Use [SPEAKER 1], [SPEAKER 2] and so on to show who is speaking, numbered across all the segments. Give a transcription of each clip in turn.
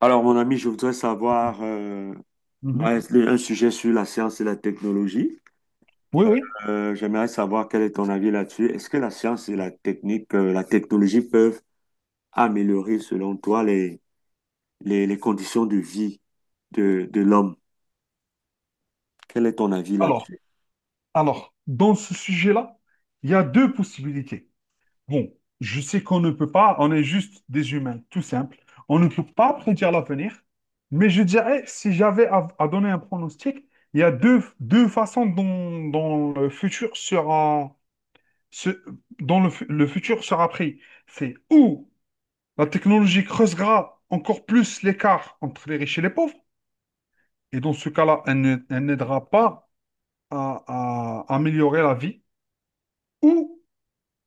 [SPEAKER 1] Alors, mon ami, je voudrais savoir
[SPEAKER 2] Mhm.
[SPEAKER 1] un un sujet sur la science et la technologie.
[SPEAKER 2] Oui, oui.
[SPEAKER 1] J'aimerais savoir quel est ton avis là-dessus. Est-ce que la science et la technique, la technologie peuvent améliorer, selon toi, les conditions de vie de l'homme? Quel est ton avis
[SPEAKER 2] Alors,
[SPEAKER 1] là-dessus?
[SPEAKER 2] alors, dans ce sujet-là, il y a deux possibilités. Bon, je sais qu'on ne peut pas, on est juste des humains, tout simple. On ne peut pas prédire l'avenir, mais je dirais, si j'avais à donner un pronostic, il y a deux façons dont le futur sera, se, dont le futur sera pris. C'est ou la technologie creusera encore plus l'écart entre les riches et les pauvres, et dans ce cas-là, elle n'aidera pas à, à améliorer la vie, ou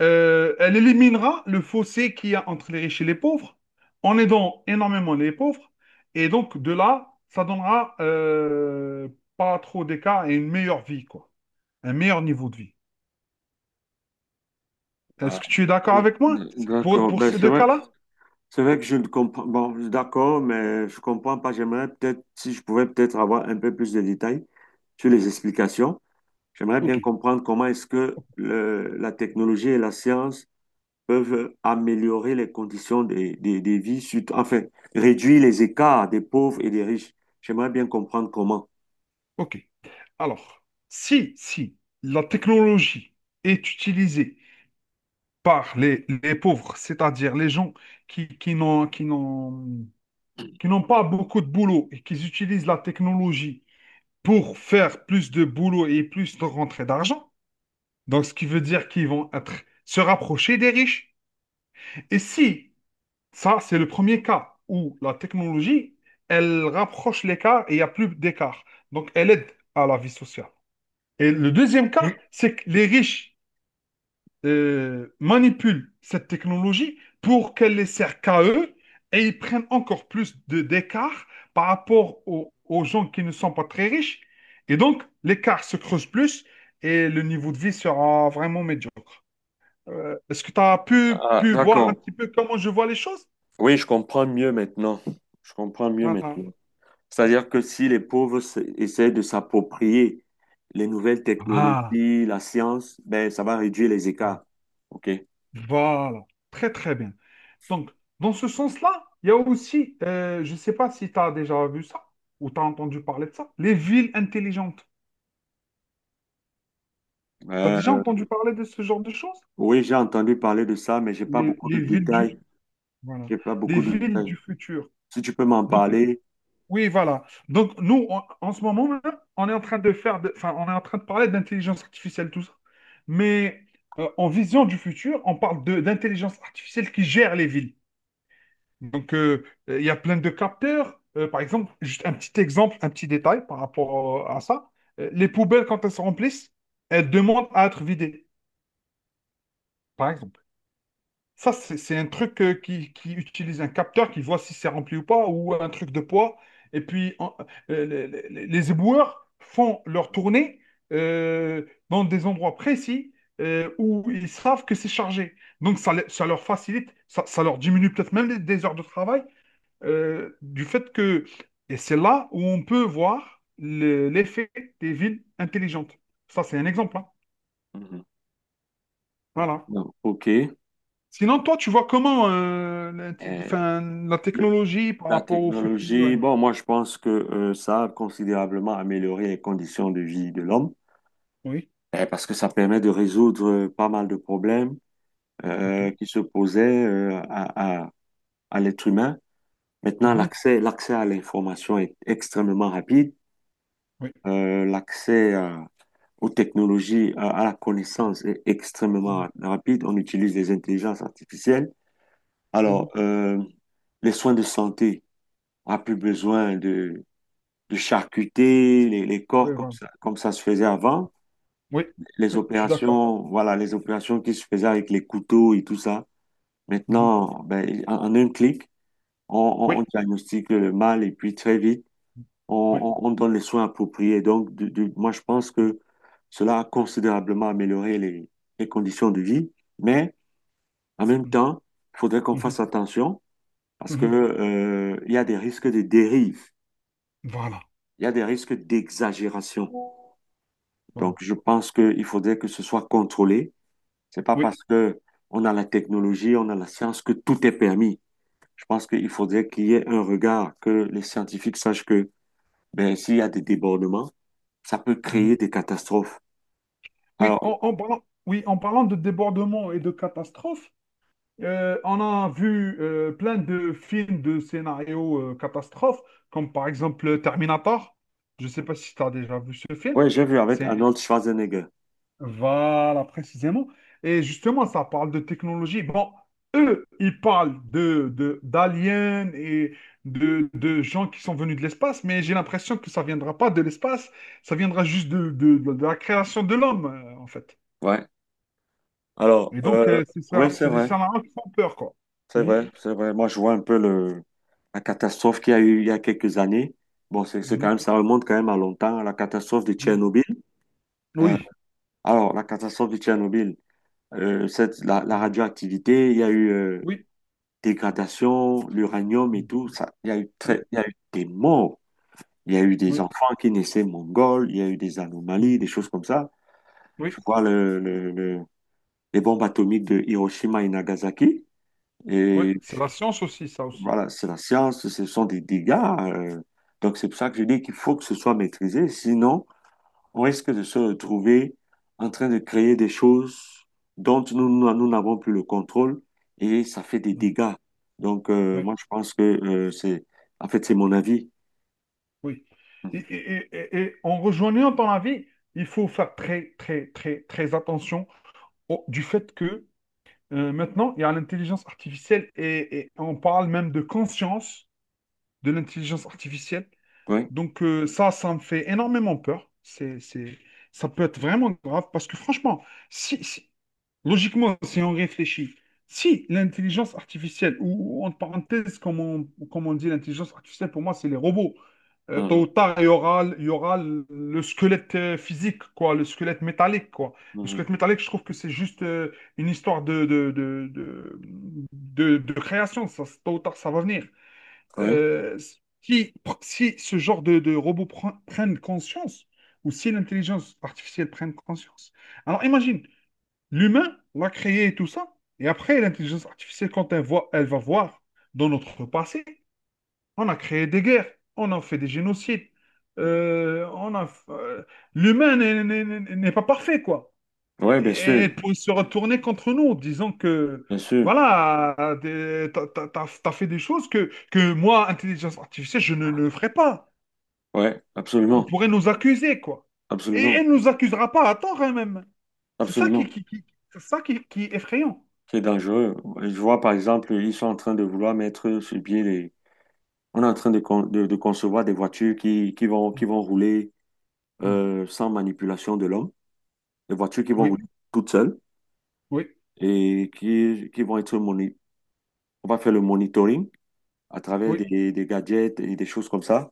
[SPEAKER 2] elle éliminera le fossé qu'il y a entre les riches et les pauvres, en aidant énormément les pauvres, et donc de là, ça donnera pas trop d'écart et une meilleure vie, quoi, un meilleur niveau de vie.
[SPEAKER 1] Ah,
[SPEAKER 2] Est-ce que tu es d'accord
[SPEAKER 1] d-
[SPEAKER 2] avec moi pour,
[SPEAKER 1] d'accord.
[SPEAKER 2] pour
[SPEAKER 1] Ben,
[SPEAKER 2] ces deux cas-là?
[SPEAKER 1] c'est vrai que je ne comprends. Bon, d'accord, mais je comprends pas. J'aimerais peut-être, si je pouvais peut-être avoir un peu plus de détails sur les explications. J'aimerais
[SPEAKER 2] Ok,
[SPEAKER 1] bien comprendre comment est-ce que la technologie et la science peuvent améliorer les conditions des vies, enfin, réduire les écarts des pauvres et des riches. J'aimerais bien comprendre comment.
[SPEAKER 2] ok. Alors, si la technologie est utilisée par les pauvres, c'est-à-dire les gens qui, qui n'ont, qui n'ont qui n'ont pas beaucoup de boulot et qui utilisent la technologie pour faire plus de boulot et plus de rentrée d'argent. Donc, ce qui veut dire qu'ils vont être, se rapprocher des riches. Et si, ça, c'est le premier cas où la technologie, elle rapproche l'écart et il n'y a plus d'écart. Donc, elle aide à la vie sociale. Et le deuxième cas, c'est que les riches manipulent cette technologie pour qu'elle les sert qu'à eux et ils prennent encore plus de d'écart par rapport aux gens qui ne sont pas très riches. Et donc, l'écart se creuse plus et le niveau de vie sera vraiment médiocre. Est-ce que tu as pu,
[SPEAKER 1] Ah,
[SPEAKER 2] pu voir un
[SPEAKER 1] d'accord.
[SPEAKER 2] petit peu comment je vois les choses?
[SPEAKER 1] Oui, je comprends mieux maintenant. Je comprends mieux
[SPEAKER 2] Voilà.
[SPEAKER 1] maintenant. C'est-à-dire que si les pauvres essaient de s'approprier les nouvelles
[SPEAKER 2] Ah,
[SPEAKER 1] technologies, la science, ben, ça va réduire les écarts. OK.
[SPEAKER 2] voilà, très très bien. Donc, dans ce sens-là, il y a aussi, je ne sais pas si tu as déjà vu ça ou tu as entendu parler de ça, les villes intelligentes. T'as déjà
[SPEAKER 1] Euh,
[SPEAKER 2] entendu parler de ce genre de choses?
[SPEAKER 1] Oui, j'ai entendu parler de ça, mais j'ai pas
[SPEAKER 2] Les,
[SPEAKER 1] beaucoup de
[SPEAKER 2] les villes du,
[SPEAKER 1] détails.
[SPEAKER 2] voilà,
[SPEAKER 1] J'ai pas
[SPEAKER 2] les
[SPEAKER 1] beaucoup de
[SPEAKER 2] villes
[SPEAKER 1] détails.
[SPEAKER 2] du futur.
[SPEAKER 1] Si tu peux m'en
[SPEAKER 2] Donc,
[SPEAKER 1] parler.
[SPEAKER 2] oui, voilà. Donc, nous, en ce moment même, on est en train de faire, enfin, on est en train de parler d'intelligence artificielle, tout ça. Mais en vision du futur, on parle de d'intelligence artificielle qui gère les villes. Donc, il y a plein de capteurs. Par exemple, juste un petit exemple, un petit détail par rapport à ça. Les poubelles, quand elles se remplissent, elles demandent à être vidées, par exemple. Ça, c'est un truc qui utilise un capteur qui voit si c'est rempli ou pas, ou un truc de poids. Et puis, les, les éboueurs font leur tournée dans des endroits précis où ils savent que c'est chargé. Donc, ça, ça leur facilite, ça leur diminue peut-être même des heures de travail du fait que... Et c'est là où on peut voir l'effet des villes intelligentes. Ça, c'est un exemple, hein.
[SPEAKER 1] Mhm.
[SPEAKER 2] Voilà.
[SPEAKER 1] Non. OK.
[SPEAKER 2] Sinon, toi, tu vois comment la,
[SPEAKER 1] Euh,
[SPEAKER 2] enfin, la
[SPEAKER 1] le-
[SPEAKER 2] technologie par
[SPEAKER 1] la
[SPEAKER 2] rapport au futur,
[SPEAKER 1] technologie,
[SPEAKER 2] ouais.
[SPEAKER 1] bon, moi, je pense que ça a considérablement amélioré les conditions de vie de l'homme,
[SPEAKER 2] Oui,
[SPEAKER 1] parce que ça permet de résoudre pas mal de problèmes
[SPEAKER 2] ok.
[SPEAKER 1] qui se posaient, à l'être humain. Maintenant,
[SPEAKER 2] Mhm.
[SPEAKER 1] l'accès à l'information est extrêmement rapide.
[SPEAKER 2] Oui.
[SPEAKER 1] Euh, l'accès à- aux technologies, à la connaissance est
[SPEAKER 2] Mhm,
[SPEAKER 1] extrêmement rapide. On utilise les intelligences artificielles. Alors,
[SPEAKER 2] mhm.
[SPEAKER 1] euh, les soins de santé, on n'a plus besoin de charcuter les corps
[SPEAKER 2] Oui, voilà.
[SPEAKER 1] comme ça se faisait avant.
[SPEAKER 2] Oui,
[SPEAKER 1] Les
[SPEAKER 2] oui, je suis d'accord.
[SPEAKER 1] opérations, voilà, les opérations qui se faisaient avec les couteaux et tout ça.
[SPEAKER 2] Mhm.
[SPEAKER 1] Maintenant, ben, en un clic,
[SPEAKER 2] Oui,
[SPEAKER 1] on diagnostique le mal et puis très vite,
[SPEAKER 2] oui.
[SPEAKER 1] on donne les soins appropriés. Donc, moi, je pense que cela a considérablement amélioré les conditions de vie, mais en même
[SPEAKER 2] Mhm,
[SPEAKER 1] temps, il faudrait qu'on
[SPEAKER 2] mhm,
[SPEAKER 1] fasse attention. Parce que,
[SPEAKER 2] mhm.
[SPEAKER 1] il y a des risques de dérive,
[SPEAKER 2] Voilà,
[SPEAKER 1] il y a des risques d'exagération.
[SPEAKER 2] voilà.
[SPEAKER 1] Donc, je pense qu'il faudrait que ce soit contrôlé. C'est pas
[SPEAKER 2] Oui.
[SPEAKER 1] parce que on a la technologie, on a la science que tout est permis. Je pense qu'il faudrait qu'il y ait un regard, que les scientifiques sachent que ben, s'il y a des débordements, ça peut créer
[SPEAKER 2] Mhm.
[SPEAKER 1] des catastrophes.
[SPEAKER 2] Oui,
[SPEAKER 1] Alors,
[SPEAKER 2] en, en parlant, oui, en parlant de débordement et de catastrophes, on a vu plein de films de scénarios catastrophes, comme par exemple Terminator. Je ne sais pas si tu as déjà vu ce film.
[SPEAKER 1] ouais, j'ai vu avec Arnold Schwarzenegger.
[SPEAKER 2] Voilà, précisément. Et justement, ça parle de technologie. Bon, eux, ils parlent d'aliens et de gens qui sont venus de l'espace, mais j'ai l'impression que ça viendra pas de l'espace, ça viendra juste de la création de l'homme, en fait.
[SPEAKER 1] Ouais. Alors,
[SPEAKER 2] Et donc,
[SPEAKER 1] euh,
[SPEAKER 2] c'est
[SPEAKER 1] ouais,
[SPEAKER 2] ça,
[SPEAKER 1] c'est
[SPEAKER 2] c'est des
[SPEAKER 1] vrai.
[SPEAKER 2] scénarios qui font peur, quoi.
[SPEAKER 1] C'est
[SPEAKER 2] Mhm,
[SPEAKER 1] vrai, c'est vrai. Moi, je vois un peu la catastrophe qu'il y a eu il y a quelques années. Bon, c'est
[SPEAKER 2] mhm,
[SPEAKER 1] quand même, ça remonte quand même à longtemps, à la catastrophe de
[SPEAKER 2] mhm.
[SPEAKER 1] Tchernobyl. Euh,
[SPEAKER 2] Oui,
[SPEAKER 1] la catastrophe de Tchernobyl, la radioactivité, il y a eu
[SPEAKER 2] oui,
[SPEAKER 1] dégradation, l'uranium et tout. Ça, il y a eu très,
[SPEAKER 2] oui,
[SPEAKER 1] il y a eu des morts. Il y a eu des
[SPEAKER 2] oui,
[SPEAKER 1] enfants qui naissaient mongols. Il y a eu des anomalies, des choses comme ça.
[SPEAKER 2] oui,
[SPEAKER 1] Je vois les bombes atomiques de Hiroshima et Nagasaki.
[SPEAKER 2] oui.
[SPEAKER 1] Et
[SPEAKER 2] C'est la science aussi, ça aussi.
[SPEAKER 1] voilà, c'est la science, ce sont des dégâts. Donc, c'est pour ça que je dis qu'il faut que ce soit maîtrisé. Sinon, on risque de se retrouver en train de créer des choses dont nous n'avons plus le contrôle et ça fait des dégâts. Donc,
[SPEAKER 2] Oui.
[SPEAKER 1] moi, je pense que en fait, c'est mon avis.
[SPEAKER 2] Oui. Et,
[SPEAKER 1] Mhm.
[SPEAKER 2] et en rejoignant ton avis, il faut faire très, très, très, très attention du fait que maintenant, il y a l'intelligence artificielle et on parle même de conscience de l'intelligence artificielle.
[SPEAKER 1] Oui.
[SPEAKER 2] Donc ça, ça me fait énormément peur. C'est, ça peut être vraiment grave parce que franchement, si, si- Logiquement, si on réfléchit, si l'intelligence artificielle, ou en parenthèse, comme on dit, l'intelligence artificielle, pour moi, c'est les robots. Tôt
[SPEAKER 1] Mhm.
[SPEAKER 2] ou tard, il y aura le squelette physique, quoi, le squelette métallique, quoi. Le
[SPEAKER 1] Mhm.
[SPEAKER 2] squelette métallique, je trouve que c'est juste une histoire de création. Ça, tôt ou tard, ça va venir.
[SPEAKER 1] Oui.
[SPEAKER 2] Euh, Si, si ce genre de robots prennent conscience, ou si l'intelligence artificielle prenne conscience, alors imagine. L'humain l'a créé et tout ça. Et après, l'intelligence artificielle, quand elle, voit, elle va voir dans notre passé, on a créé des guerres, on a fait des génocides,
[SPEAKER 1] Mhm.
[SPEAKER 2] euh, on a, euh, l'humain n'est pas parfait, quoi.
[SPEAKER 1] Oui,
[SPEAKER 2] Et
[SPEAKER 1] bien sûr,
[SPEAKER 2] elle pourrait se retourner contre nous, disant que,
[SPEAKER 1] bien sûr.
[SPEAKER 2] voilà, t'as fait des choses que moi, intelligence artificielle, je ne, ne ferai pas.
[SPEAKER 1] Oui,
[SPEAKER 2] Elle
[SPEAKER 1] absolument,
[SPEAKER 2] pourrait nous accuser, quoi. Et
[SPEAKER 1] absolument,
[SPEAKER 2] elle ne nous accusera pas à tort, elle-même. C'est ça
[SPEAKER 1] absolument.
[SPEAKER 2] c'est ça qui est effrayant.
[SPEAKER 1] C'est dangereux. Je vois, par exemple, ils sont en train de vouloir mettre sur pied les. On est en train de concevoir des voitures qui, qui vont rouler
[SPEAKER 2] Hmm.
[SPEAKER 1] sans manipulation de l'homme, des voitures qui vont
[SPEAKER 2] Oui,
[SPEAKER 1] rouler toutes seules
[SPEAKER 2] oui,
[SPEAKER 1] et qui vont être on va faire le monitoring à travers
[SPEAKER 2] oui,
[SPEAKER 1] des gadgets et des choses comme ça.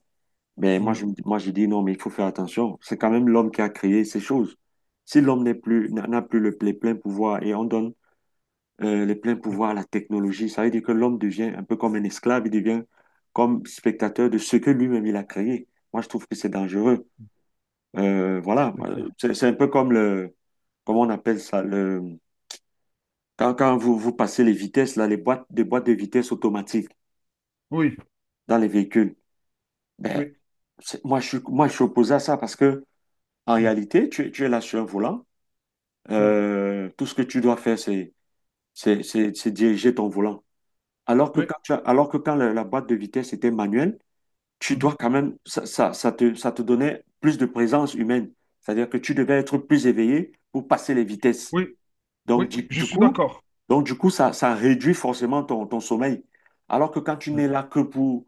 [SPEAKER 1] Mais
[SPEAKER 2] oui,
[SPEAKER 1] moi, je dis non, mais il faut faire attention. C'est quand même l'homme qui a créé ces choses. Si l'homme n'est plus, n'a plus les pleins pouvoirs et on donne les pleins
[SPEAKER 2] oui,
[SPEAKER 1] pouvoirs à la technologie, ça veut dire que l'homme devient un peu comme un esclave, il devient comme spectateur de ce que lui-même il a créé. Moi, je trouve que c'est dangereux. Voilà,
[SPEAKER 2] c'est clair.
[SPEAKER 1] c'est un peu comme comment on appelle ça, le, quand vous passez les vitesses, là, des boîtes de vitesse automatiques
[SPEAKER 2] Oui,
[SPEAKER 1] dans les véhicules. Ben,
[SPEAKER 2] oui,
[SPEAKER 1] moi, je suis opposé à ça parce que, en
[SPEAKER 2] hmm,
[SPEAKER 1] réalité, tu es là sur un volant.
[SPEAKER 2] hmm,
[SPEAKER 1] Tout ce que tu dois faire, c'est, c'est diriger ton volant.
[SPEAKER 2] oui,
[SPEAKER 1] Alors que quand la boîte de vitesse était manuelle, tu
[SPEAKER 2] mhm,
[SPEAKER 1] dois quand même, ça te donnait plus de présence humaine. C'est-à-dire que tu devais être plus éveillé pour passer les vitesses.
[SPEAKER 2] oui,
[SPEAKER 1] Donc,
[SPEAKER 2] oui, je
[SPEAKER 1] du
[SPEAKER 2] suis
[SPEAKER 1] coup,
[SPEAKER 2] d'accord.
[SPEAKER 1] donc, du coup ça, ça réduit forcément ton sommeil. Alors que quand tu
[SPEAKER 2] Oui,
[SPEAKER 1] n'es là que pour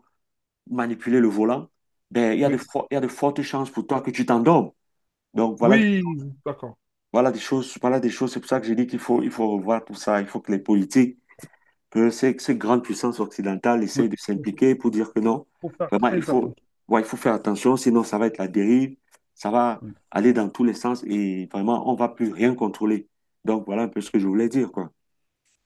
[SPEAKER 1] manipuler le volant, ben,
[SPEAKER 2] oui,
[SPEAKER 1] il y a de fortes chances pour toi que tu t'endormes. Donc,
[SPEAKER 2] oui, d'accord.
[SPEAKER 1] voilà des choses, voilà des choses. C'est pour ça que j'ai dit il faut revoir tout ça. Il faut que les politiques, que ces grandes puissances occidentales essayent
[SPEAKER 2] Oui,
[SPEAKER 1] de s'impliquer pour dire que non,
[SPEAKER 2] faut faire
[SPEAKER 1] vraiment, il
[SPEAKER 2] très
[SPEAKER 1] faut,
[SPEAKER 2] attention.
[SPEAKER 1] ouais, il faut faire attention, sinon ça va être la dérive, ça va aller dans tous les sens et vraiment, on va plus rien contrôler. Donc, voilà un peu ce que je voulais dire, quoi.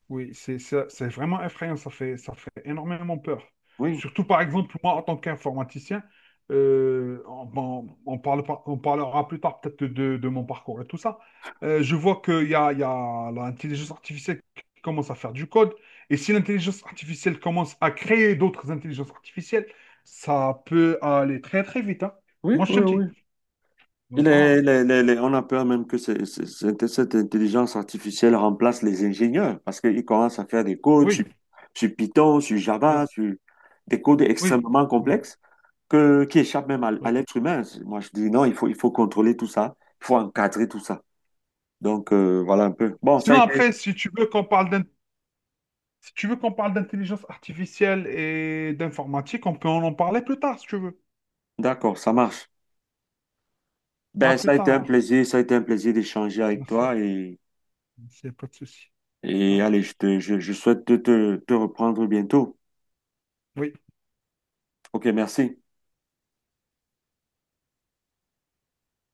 [SPEAKER 2] Oui, c'est c'est vraiment effrayant, ça fait énormément peur.
[SPEAKER 1] Oui.
[SPEAKER 2] Surtout, par exemple, moi, en tant qu'informaticien, on, bon, on parle, pas- on parlera plus tard peut-être de mon parcours et tout ça. Je vois qu'il y a l'intelligence artificielle qui commence à faire du code. Et si l'intelligence artificielle commence à créer d'autres intelligences artificielles, ça peut aller très, très vite, hein.
[SPEAKER 1] Oui,
[SPEAKER 2] Moi, je te
[SPEAKER 1] oui,
[SPEAKER 2] le
[SPEAKER 1] oui.
[SPEAKER 2] dis. Voilà.
[SPEAKER 1] On a peur même que cette intelligence artificielle remplace les ingénieurs parce qu'ils commencent à faire des codes sur,
[SPEAKER 2] Oui,
[SPEAKER 1] sur Python, sur
[SPEAKER 2] oui,
[SPEAKER 1] Java, sur des codes
[SPEAKER 2] oui.
[SPEAKER 1] extrêmement complexes que, qui échappent même à
[SPEAKER 2] Oui.
[SPEAKER 1] l'être humain. Moi, je dis non, il faut contrôler tout ça, il faut encadrer tout ça. Donc, voilà un peu. Bon, ça a
[SPEAKER 2] Sinon,
[SPEAKER 1] été,
[SPEAKER 2] après, si tu veux qu'on parle Si tu veux qu'on parle d'intelligence artificielle et d'informatique, on peut en parler plus tard si tu veux.
[SPEAKER 1] d'accord, ça marche.
[SPEAKER 2] À
[SPEAKER 1] Ben, ça
[SPEAKER 2] plus
[SPEAKER 1] a été
[SPEAKER 2] tard
[SPEAKER 1] un
[SPEAKER 2] alors.
[SPEAKER 1] plaisir, ça a été un plaisir d'échanger avec
[SPEAKER 2] Merci.
[SPEAKER 1] toi
[SPEAKER 2] Merci, y a pas de souci. Ça
[SPEAKER 1] et allez,
[SPEAKER 2] marche.
[SPEAKER 1] je souhaite te reprendre bientôt.
[SPEAKER 2] Oui.
[SPEAKER 1] Ok, merci.